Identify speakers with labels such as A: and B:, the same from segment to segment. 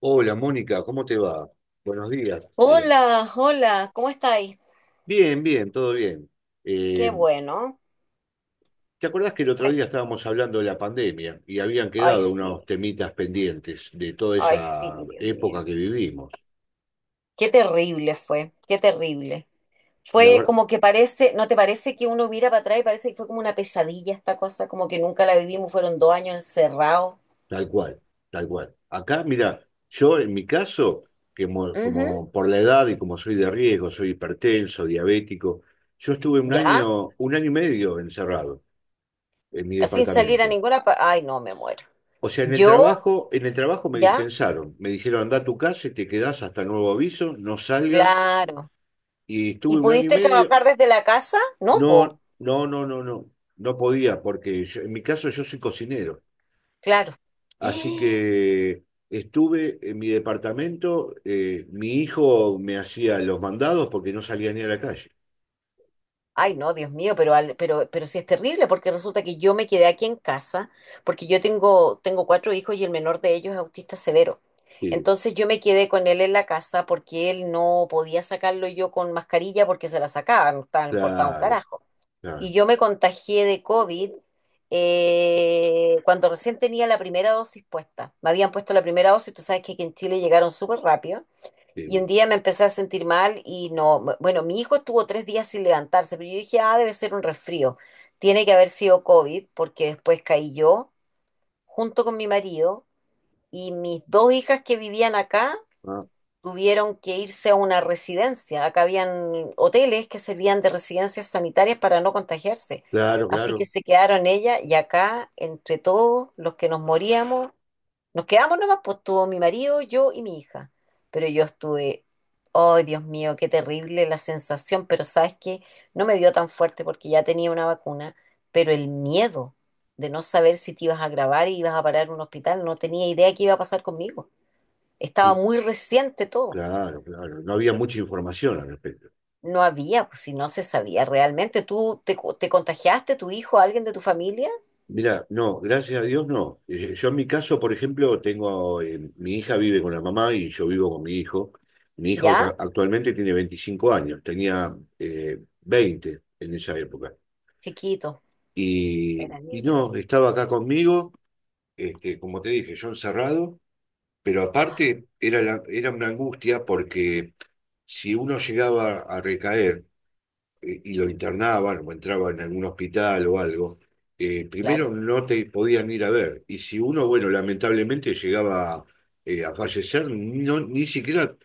A: Hola, Mónica, ¿cómo te va? Buenos días.
B: Hola, hola, ¿cómo estáis?
A: Bien, bien, todo bien.
B: Qué
A: Eh,
B: bueno.
A: ¿Te acordás que el otro
B: Ay,
A: día estábamos hablando de la pandemia y habían
B: ay,
A: quedado unos
B: sí,
A: temitas pendientes de toda
B: ay,
A: esa
B: sí, Dios mío.
A: época que vivimos?
B: Qué terrible.
A: La
B: Fue
A: verdad,
B: como que parece, ¿no te parece que uno mira para atrás y parece que fue como una pesadilla esta cosa? Como que nunca la vivimos, fueron 2 años encerrados.
A: tal cual, tal cual. Acá, mira, yo en mi caso,
B: Ujú.
A: como por la edad y como soy de riesgo, soy hipertenso, diabético, yo estuve
B: ¿Ya?
A: un año y medio encerrado en mi
B: Sin salir a
A: departamento.
B: ninguna parte. Ay, no, me muero.
A: O sea,
B: ¿Yo?
A: en el trabajo me
B: ¿Ya?
A: dispensaron. Me dijeron, anda a tu casa y te quedás hasta nuevo aviso, no salgas.
B: Claro.
A: Y
B: ¿Y
A: estuve un año y
B: pudiste
A: medio.
B: trabajar desde la casa? No,
A: No,
B: po,
A: no, no, no, no. No podía, en mi caso yo soy cocinero.
B: claro.
A: Así que estuve en mi departamento. Mi hijo me hacía los mandados porque no salía ni a la calle.
B: Ay, no, Dios mío, pero, sí es terrible porque resulta que yo me quedé aquí en casa porque yo tengo cuatro hijos y el menor de ellos es autista severo.
A: Sí,
B: Entonces yo me quedé con él en la casa porque él no podía sacarlo yo con mascarilla porque se la sacaba, no estaba importado un
A: claro,
B: carajo. Y
A: claro.
B: yo me contagié de COVID cuando recién tenía la primera dosis puesta. Me habían puesto la primera dosis, tú sabes que aquí en Chile llegaron súper rápido. Y un
A: Sí,
B: día me empecé a sentir mal y no, bueno, mi hijo estuvo 3 días sin levantarse, pero yo dije, ah, debe ser un resfrío. Tiene que haber sido COVID porque después caí yo junto con mi marido y mis dos hijas que vivían acá
A: ah,
B: tuvieron que irse a una residencia. Acá habían hoteles que servían de residencias sanitarias para no contagiarse.
A: claro,
B: Así que
A: claro.
B: se quedaron ellas y acá, entre todos los que nos moríamos, nos quedamos nomás, pues estuvo mi marido, yo y mi hija. Pero yo estuve, oh, Dios mío, qué terrible la sensación, pero sabes que no me dio tan fuerte porque ya tenía una vacuna, pero el miedo de no saber si te ibas a grabar y ibas a parar en un hospital, no tenía idea qué iba a pasar conmigo. Estaba
A: y-
B: muy reciente todo.
A: claro, claro. No había mucha información al respecto.
B: No había, pues si no se sabía realmente. ¿Tú te contagiaste, tu hijo, alguien de tu familia?
A: Mira, no, gracias a Dios no. Yo en mi caso, por ejemplo, tengo, mi hija vive con la mamá y yo vivo con mi hijo.
B: ¿Ya?
A: Actualmente tiene 25 años, tenía 20 en esa época.
B: Chiquito, era
A: Y
B: niño,
A: no, estaba acá conmigo, este, como te dije, yo encerrado, pero aparte era una angustia porque si uno llegaba a recaer, y lo internaban o entraba en algún hospital o algo, primero
B: claro.
A: no te podían ir a ver. Y si uno, bueno, lamentablemente llegaba a fallecer, no, ni siquiera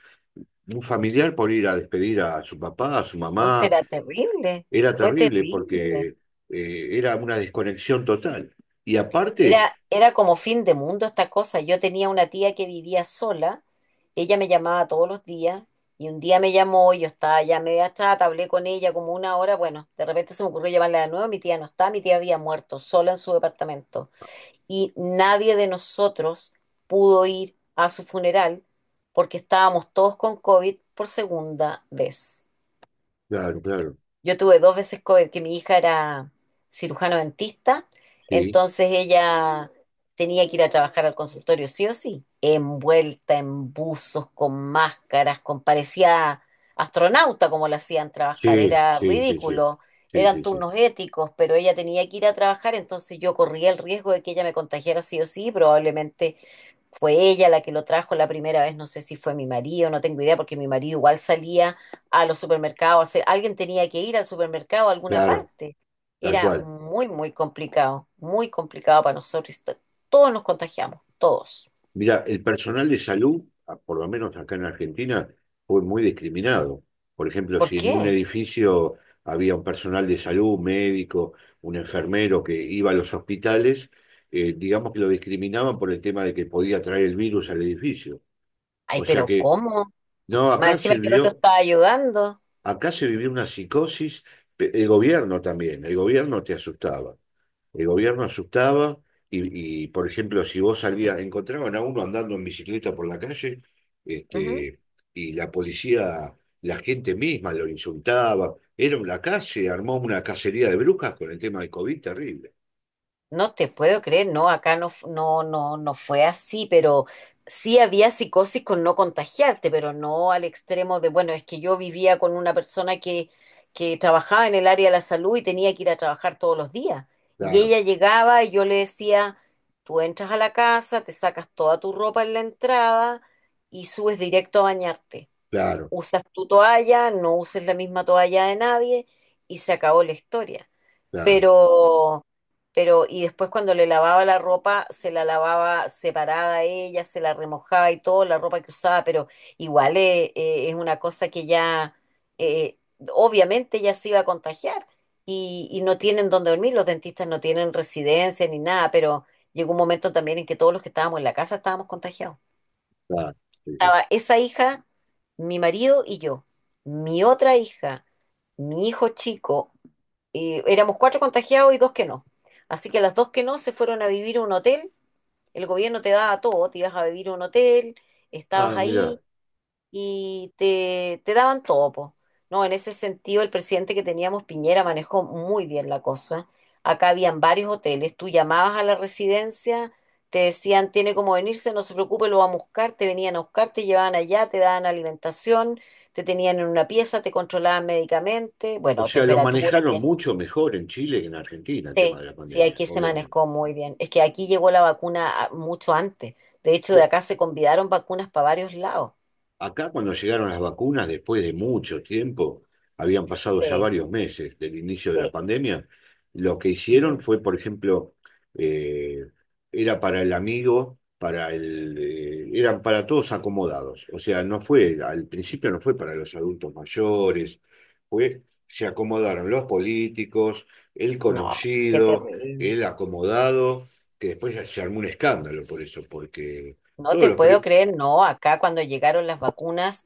A: un familiar por ir a despedir a su papá, a su
B: No
A: mamá,
B: será terrible.
A: era
B: Fue
A: terrible
B: terrible.
A: porque era una desconexión total. Y aparte,
B: Era como fin de mundo esta cosa. Yo tenía una tía que vivía sola, ella me llamaba todos los días y un día me llamó y yo estaba ya media chata, hablé con ella como una hora, bueno, de repente se me ocurrió llamarla de nuevo, mi tía no está, mi tía había muerto sola en su departamento y nadie de nosotros pudo ir a su funeral porque estábamos todos con COVID por segunda vez.
A: claro, claro,
B: Yo tuve dos veces COVID, que mi hija era cirujano dentista,
A: sí,
B: entonces ella tenía que ir a trabajar al consultorio sí o sí, envuelta en buzos, con máscaras, con parecía astronauta como la hacían trabajar,
A: sí,
B: era
A: sí, sí, sí,
B: ridículo,
A: sí,
B: eran
A: sí, sí,
B: turnos éticos, pero ella tenía que ir a trabajar, entonces yo corría el riesgo de que ella me contagiara sí o sí, probablemente fue ella la que lo trajo la primera vez, no sé si fue mi marido, no tengo idea, porque mi marido igual salía a los supermercados, a hacer, alguien tenía que ir al supermercado a alguna
A: claro,
B: parte.
A: tal
B: Era
A: cual.
B: muy, muy complicado para nosotros. Todos nos contagiamos, todos.
A: Mira, el personal de salud, por lo menos acá en Argentina, fue muy discriminado. Por ejemplo,
B: ¿Por
A: si en un
B: qué?
A: edificio había un personal de salud, un médico, un enfermero que iba a los hospitales, digamos que lo discriminaban por el tema de que podía traer el virus al edificio.
B: Ay,
A: O sea
B: pero
A: que,
B: ¿cómo?
A: no,
B: Más encima que el otro estaba ayudando.
A: acá se vivió una psicosis, el gobierno también, el gobierno te asustaba. El gobierno asustaba y, por ejemplo, si vos salías, encontraban a uno andando en bicicleta por la calle, este, y la policía, la gente misma lo insultaba. Era una calle, armó una cacería de brujas con el tema del COVID terrible.
B: No te puedo creer, no, acá no, no, no, no fue así, pero sí había psicosis con no contagiarte, pero no al extremo de, bueno, es que yo vivía con una persona que trabajaba en el área de la salud y tenía que ir a trabajar todos los días. Y
A: Claro,
B: ella llegaba y yo le decía, tú entras a la casa, te sacas toda tu ropa en la entrada y subes directo a bañarte.
A: claro,
B: Usas tu toalla, no uses la misma toalla de nadie y se acabó la historia,
A: claro,
B: pero, y después cuando le lavaba la ropa, se la lavaba separada a ella, se la remojaba y todo, la ropa que usaba, pero igual es una cosa que ya, eh, obviamente ya se iba a contagiar no tienen dónde dormir, los dentistas no tienen residencia ni nada, pero llegó un momento también en que todos los que estábamos en la casa estábamos contagiados.
A: claro. Sí, sí.
B: Estaba esa hija, mi marido y yo, mi otra hija, mi hijo chico, y éramos cuatro contagiados y dos que no. Así que las dos que no se fueron a vivir a un hotel. El gobierno te daba todo, te ibas a vivir a un hotel, estabas
A: Ah, mira.
B: ahí y te daban todo, po. No, en ese sentido, el presidente que teníamos, Piñera, manejó muy bien la cosa. Acá habían varios hoteles, tú llamabas a la residencia, te decían, tiene como venirse, no se preocupe, lo vamos a buscar, te venían a buscar, te llevaban allá, te daban alimentación, te tenían en una pieza, te controlaban médicamente,
A: O
B: bueno,
A: sea, lo
B: temperatura y
A: manejaron
B: eso.
A: mucho mejor en Chile que en Argentina el tema de
B: Sí,
A: la
B: sí,
A: pandemia,
B: aquí se
A: obviamente.
B: manejó muy bien. Es que aquí llegó la vacuna mucho antes. De hecho, de
A: Bu-
B: acá se convidaron vacunas para varios lados.
A: Acá cuando llegaron las vacunas, después de mucho tiempo, habían pasado ya
B: Sí,
A: varios meses del inicio de la
B: sí.
A: pandemia, lo que hicieron
B: Ujú.
A: fue, por ejemplo, eh, era para el amigo, para el, eran para todos acomodados. O sea, no fue, al principio no fue para los adultos mayores, fue, se acomodaron los políticos, el
B: No, qué
A: conocido,
B: terrible.
A: el acomodado, que después se armó un escándalo por eso, porque
B: No
A: todos
B: te
A: los,
B: puedo
A: pri-
B: creer, no. Acá cuando llegaron las vacunas,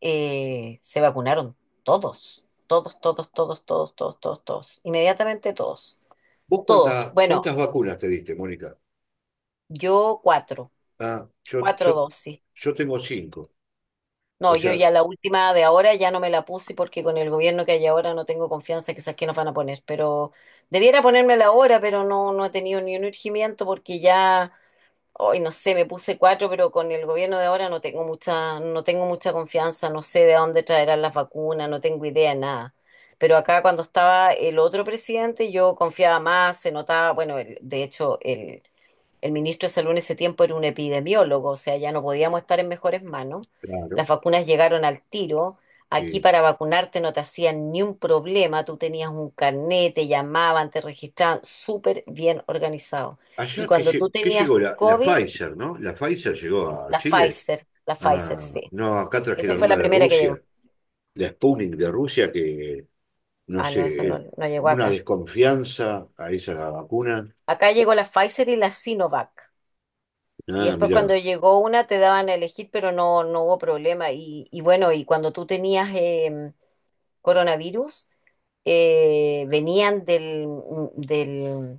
B: se vacunaron todos, todos, todos, todos, todos, todos, todos, todos. Inmediatamente todos,
A: ¿Vos
B: todos. Bueno,
A: cuántas vacunas te diste, Mónica?
B: yo cuatro,
A: Ah, yo, yo,
B: cuatro dosis.
A: yo tengo cinco. O
B: No, yo
A: sea,
B: ya la última de ahora ya no me la puse porque con el gobierno que hay ahora no tengo confianza, quizás que nos van a poner, pero debiera ponérmela ahora, pero no, no he tenido ni un urgimiento porque ya, hoy no sé, me puse cuatro, pero con el gobierno de ahora no tengo mucha confianza, no sé de dónde traerán las vacunas, no tengo idea de nada. Pero acá cuando estaba el otro presidente yo confiaba más, se notaba, bueno, de hecho el ministro de Salud en ese tiempo era un epidemiólogo, o sea, ya no podíamos estar en mejores manos.
A: claro.
B: Las vacunas llegaron al tiro. Aquí
A: eh,
B: para vacunarte no te hacían ni un problema, tú tenías un carnet, te llamaban, te registraban, súper bien organizado. Y
A: Allá que,
B: cuando tú
A: que
B: tenías
A: llegó la, la
B: COVID,
A: Pfizer, ¿no? La Pfizer llegó a Chile.
B: La Pfizer,
A: Ah,
B: sí.
A: no, acá
B: Esa
A: trajeron
B: fue
A: una
B: la
A: de
B: primera que llegó.
A: Rusia, la Sputnik de Rusia, que no
B: Ah, no, esa
A: sé,
B: no, no llegó
A: una
B: acá.
A: desconfianza a esa vacuna.
B: Acá llegó la Pfizer y la Sinovac. Y
A: Ah,
B: después cuando
A: mirá.
B: llegó una te daban a elegir, pero no, no hubo problema. Y bueno, y cuando tú tenías coronavirus venían del,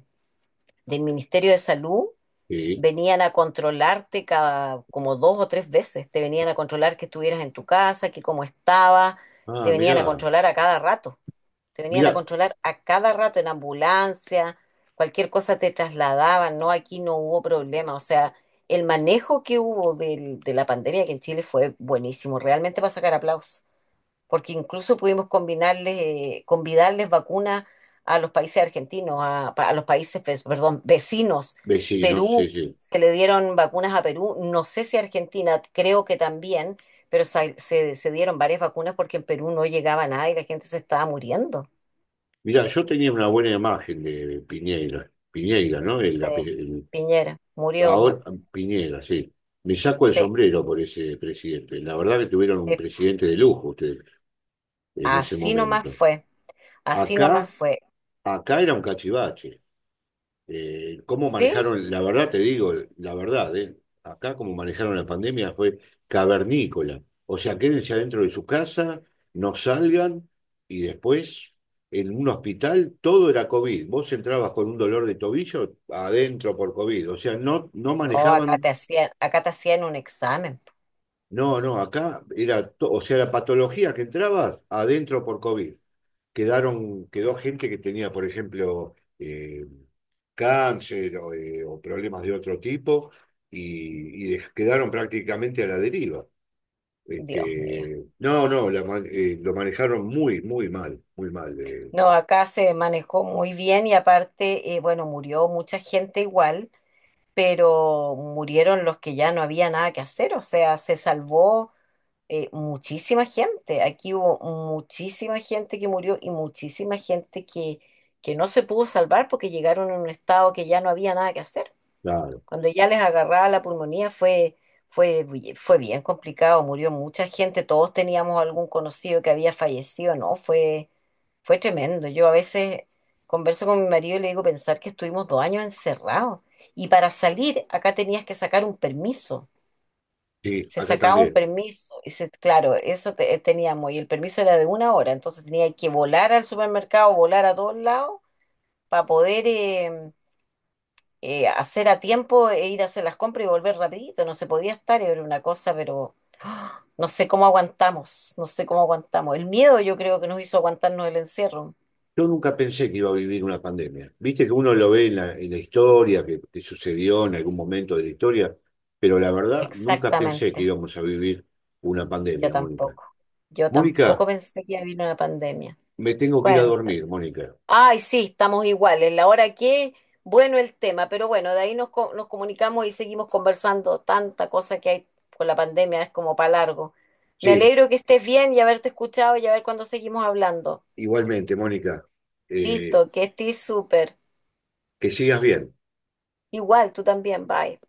B: del Ministerio de Salud,
A: Sí.
B: venían a controlarte cada como dos o tres veces, te venían a controlar que estuvieras en tu casa, que cómo estabas,
A: Ah,
B: te venían a
A: mirá.
B: controlar a cada rato, te venían a
A: Mirá,
B: controlar a cada rato en ambulancia, cualquier cosa te trasladaban, no, aquí no hubo problema, o sea, el manejo que hubo de la pandemia aquí en Chile fue buenísimo, realmente para sacar aplausos porque incluso pudimos combinarles, convidarles vacunas a los países argentinos, a los países, pues, perdón, vecinos.
A: vecinos, sí,
B: Perú,
A: sí.
B: se le dieron vacunas a Perú, no sé si a Argentina, creo que también, pero se dieron varias vacunas porque en Perú no llegaba nada y la gente se estaba muriendo.
A: Mirá, yo tenía una buena imagen de Piñeira, Piñeira, ¿no?
B: Sí, Piñera murió, bueno,
A: Ahora Piñera, sí. Me saco el
B: sí,
A: sombrero por ese presidente. La verdad que tuvieron un
B: sí,
A: presidente de lujo ustedes en ese
B: así nomás
A: momento.
B: fue, así nomás
A: Acá,
B: fue.
A: acá era un cachivache. Cómo
B: ¿Sí?
A: manejaron, la verdad te digo, la verdad, acá como manejaron la pandemia fue cavernícola. O sea, quédense adentro de su casa, no salgan y después en un hospital todo era COVID. Vos entrabas con un dolor de tobillo adentro por COVID. O sea, no, no
B: No,
A: manejaban,
B: acá te hacían un examen,
A: no, no, acá era, o sea, la patología que entrabas adentro por COVID. Quedaron, quedó gente que tenía, por ejemplo, cáncer o problemas de otro tipo y, quedaron prácticamente a la deriva.
B: Dios mío.
A: Este, no, no, lo manejaron muy, muy mal, muy mal.
B: No, acá se manejó muy bien y aparte, bueno, murió mucha gente igual, pero murieron los que ya no había nada que hacer, o sea, se salvó muchísima gente. Aquí hubo muchísima gente que murió y muchísima gente que no se pudo salvar porque llegaron en un estado que ya no había nada que hacer.
A: Claro.
B: Cuando ya les agarraba la pulmonía fue, fue bien complicado, murió mucha gente, todos teníamos algún conocido que había fallecido, ¿no? Fue tremendo. Yo a veces converso con mi marido y le digo pensar que estuvimos 2 años encerrados y para salir acá tenías que sacar un permiso.
A: Sí,
B: Se
A: acá
B: sacaba un
A: también.
B: permiso y claro, teníamos y el permiso era de una hora, entonces tenía que volar al supermercado, volar a todos lados para poder hacer a tiempo e ir a hacer las compras y volver rapidito. No se podía estar, era una cosa, pero ¡ah!, no sé cómo aguantamos, no sé cómo aguantamos. El miedo yo creo que nos hizo aguantarnos el encierro.
A: Yo nunca pensé que iba a vivir una pandemia. Viste que uno lo ve en la historia, que sucedió en algún momento de la historia, pero la verdad nunca pensé que
B: Exactamente,
A: íbamos a vivir una
B: yo
A: pandemia, Mónica.
B: tampoco. Yo tampoco
A: Mónica,
B: pensé que iba a venir una pandemia.
A: me tengo que ir a
B: Cuenta.
A: dormir, Mónica.
B: Ay, sí, estamos iguales. La hora que, bueno el tema, pero bueno, de ahí nos comunicamos y seguimos conversando. Tanta cosa que hay con la pandemia es como para largo. Me
A: Sí,
B: alegro que estés bien y haberte escuchado y a ver cuándo seguimos hablando.
A: igualmente, Mónica. Eh,
B: Listo, que estés súper.
A: Que sigas bien.
B: Igual, tú también, bye.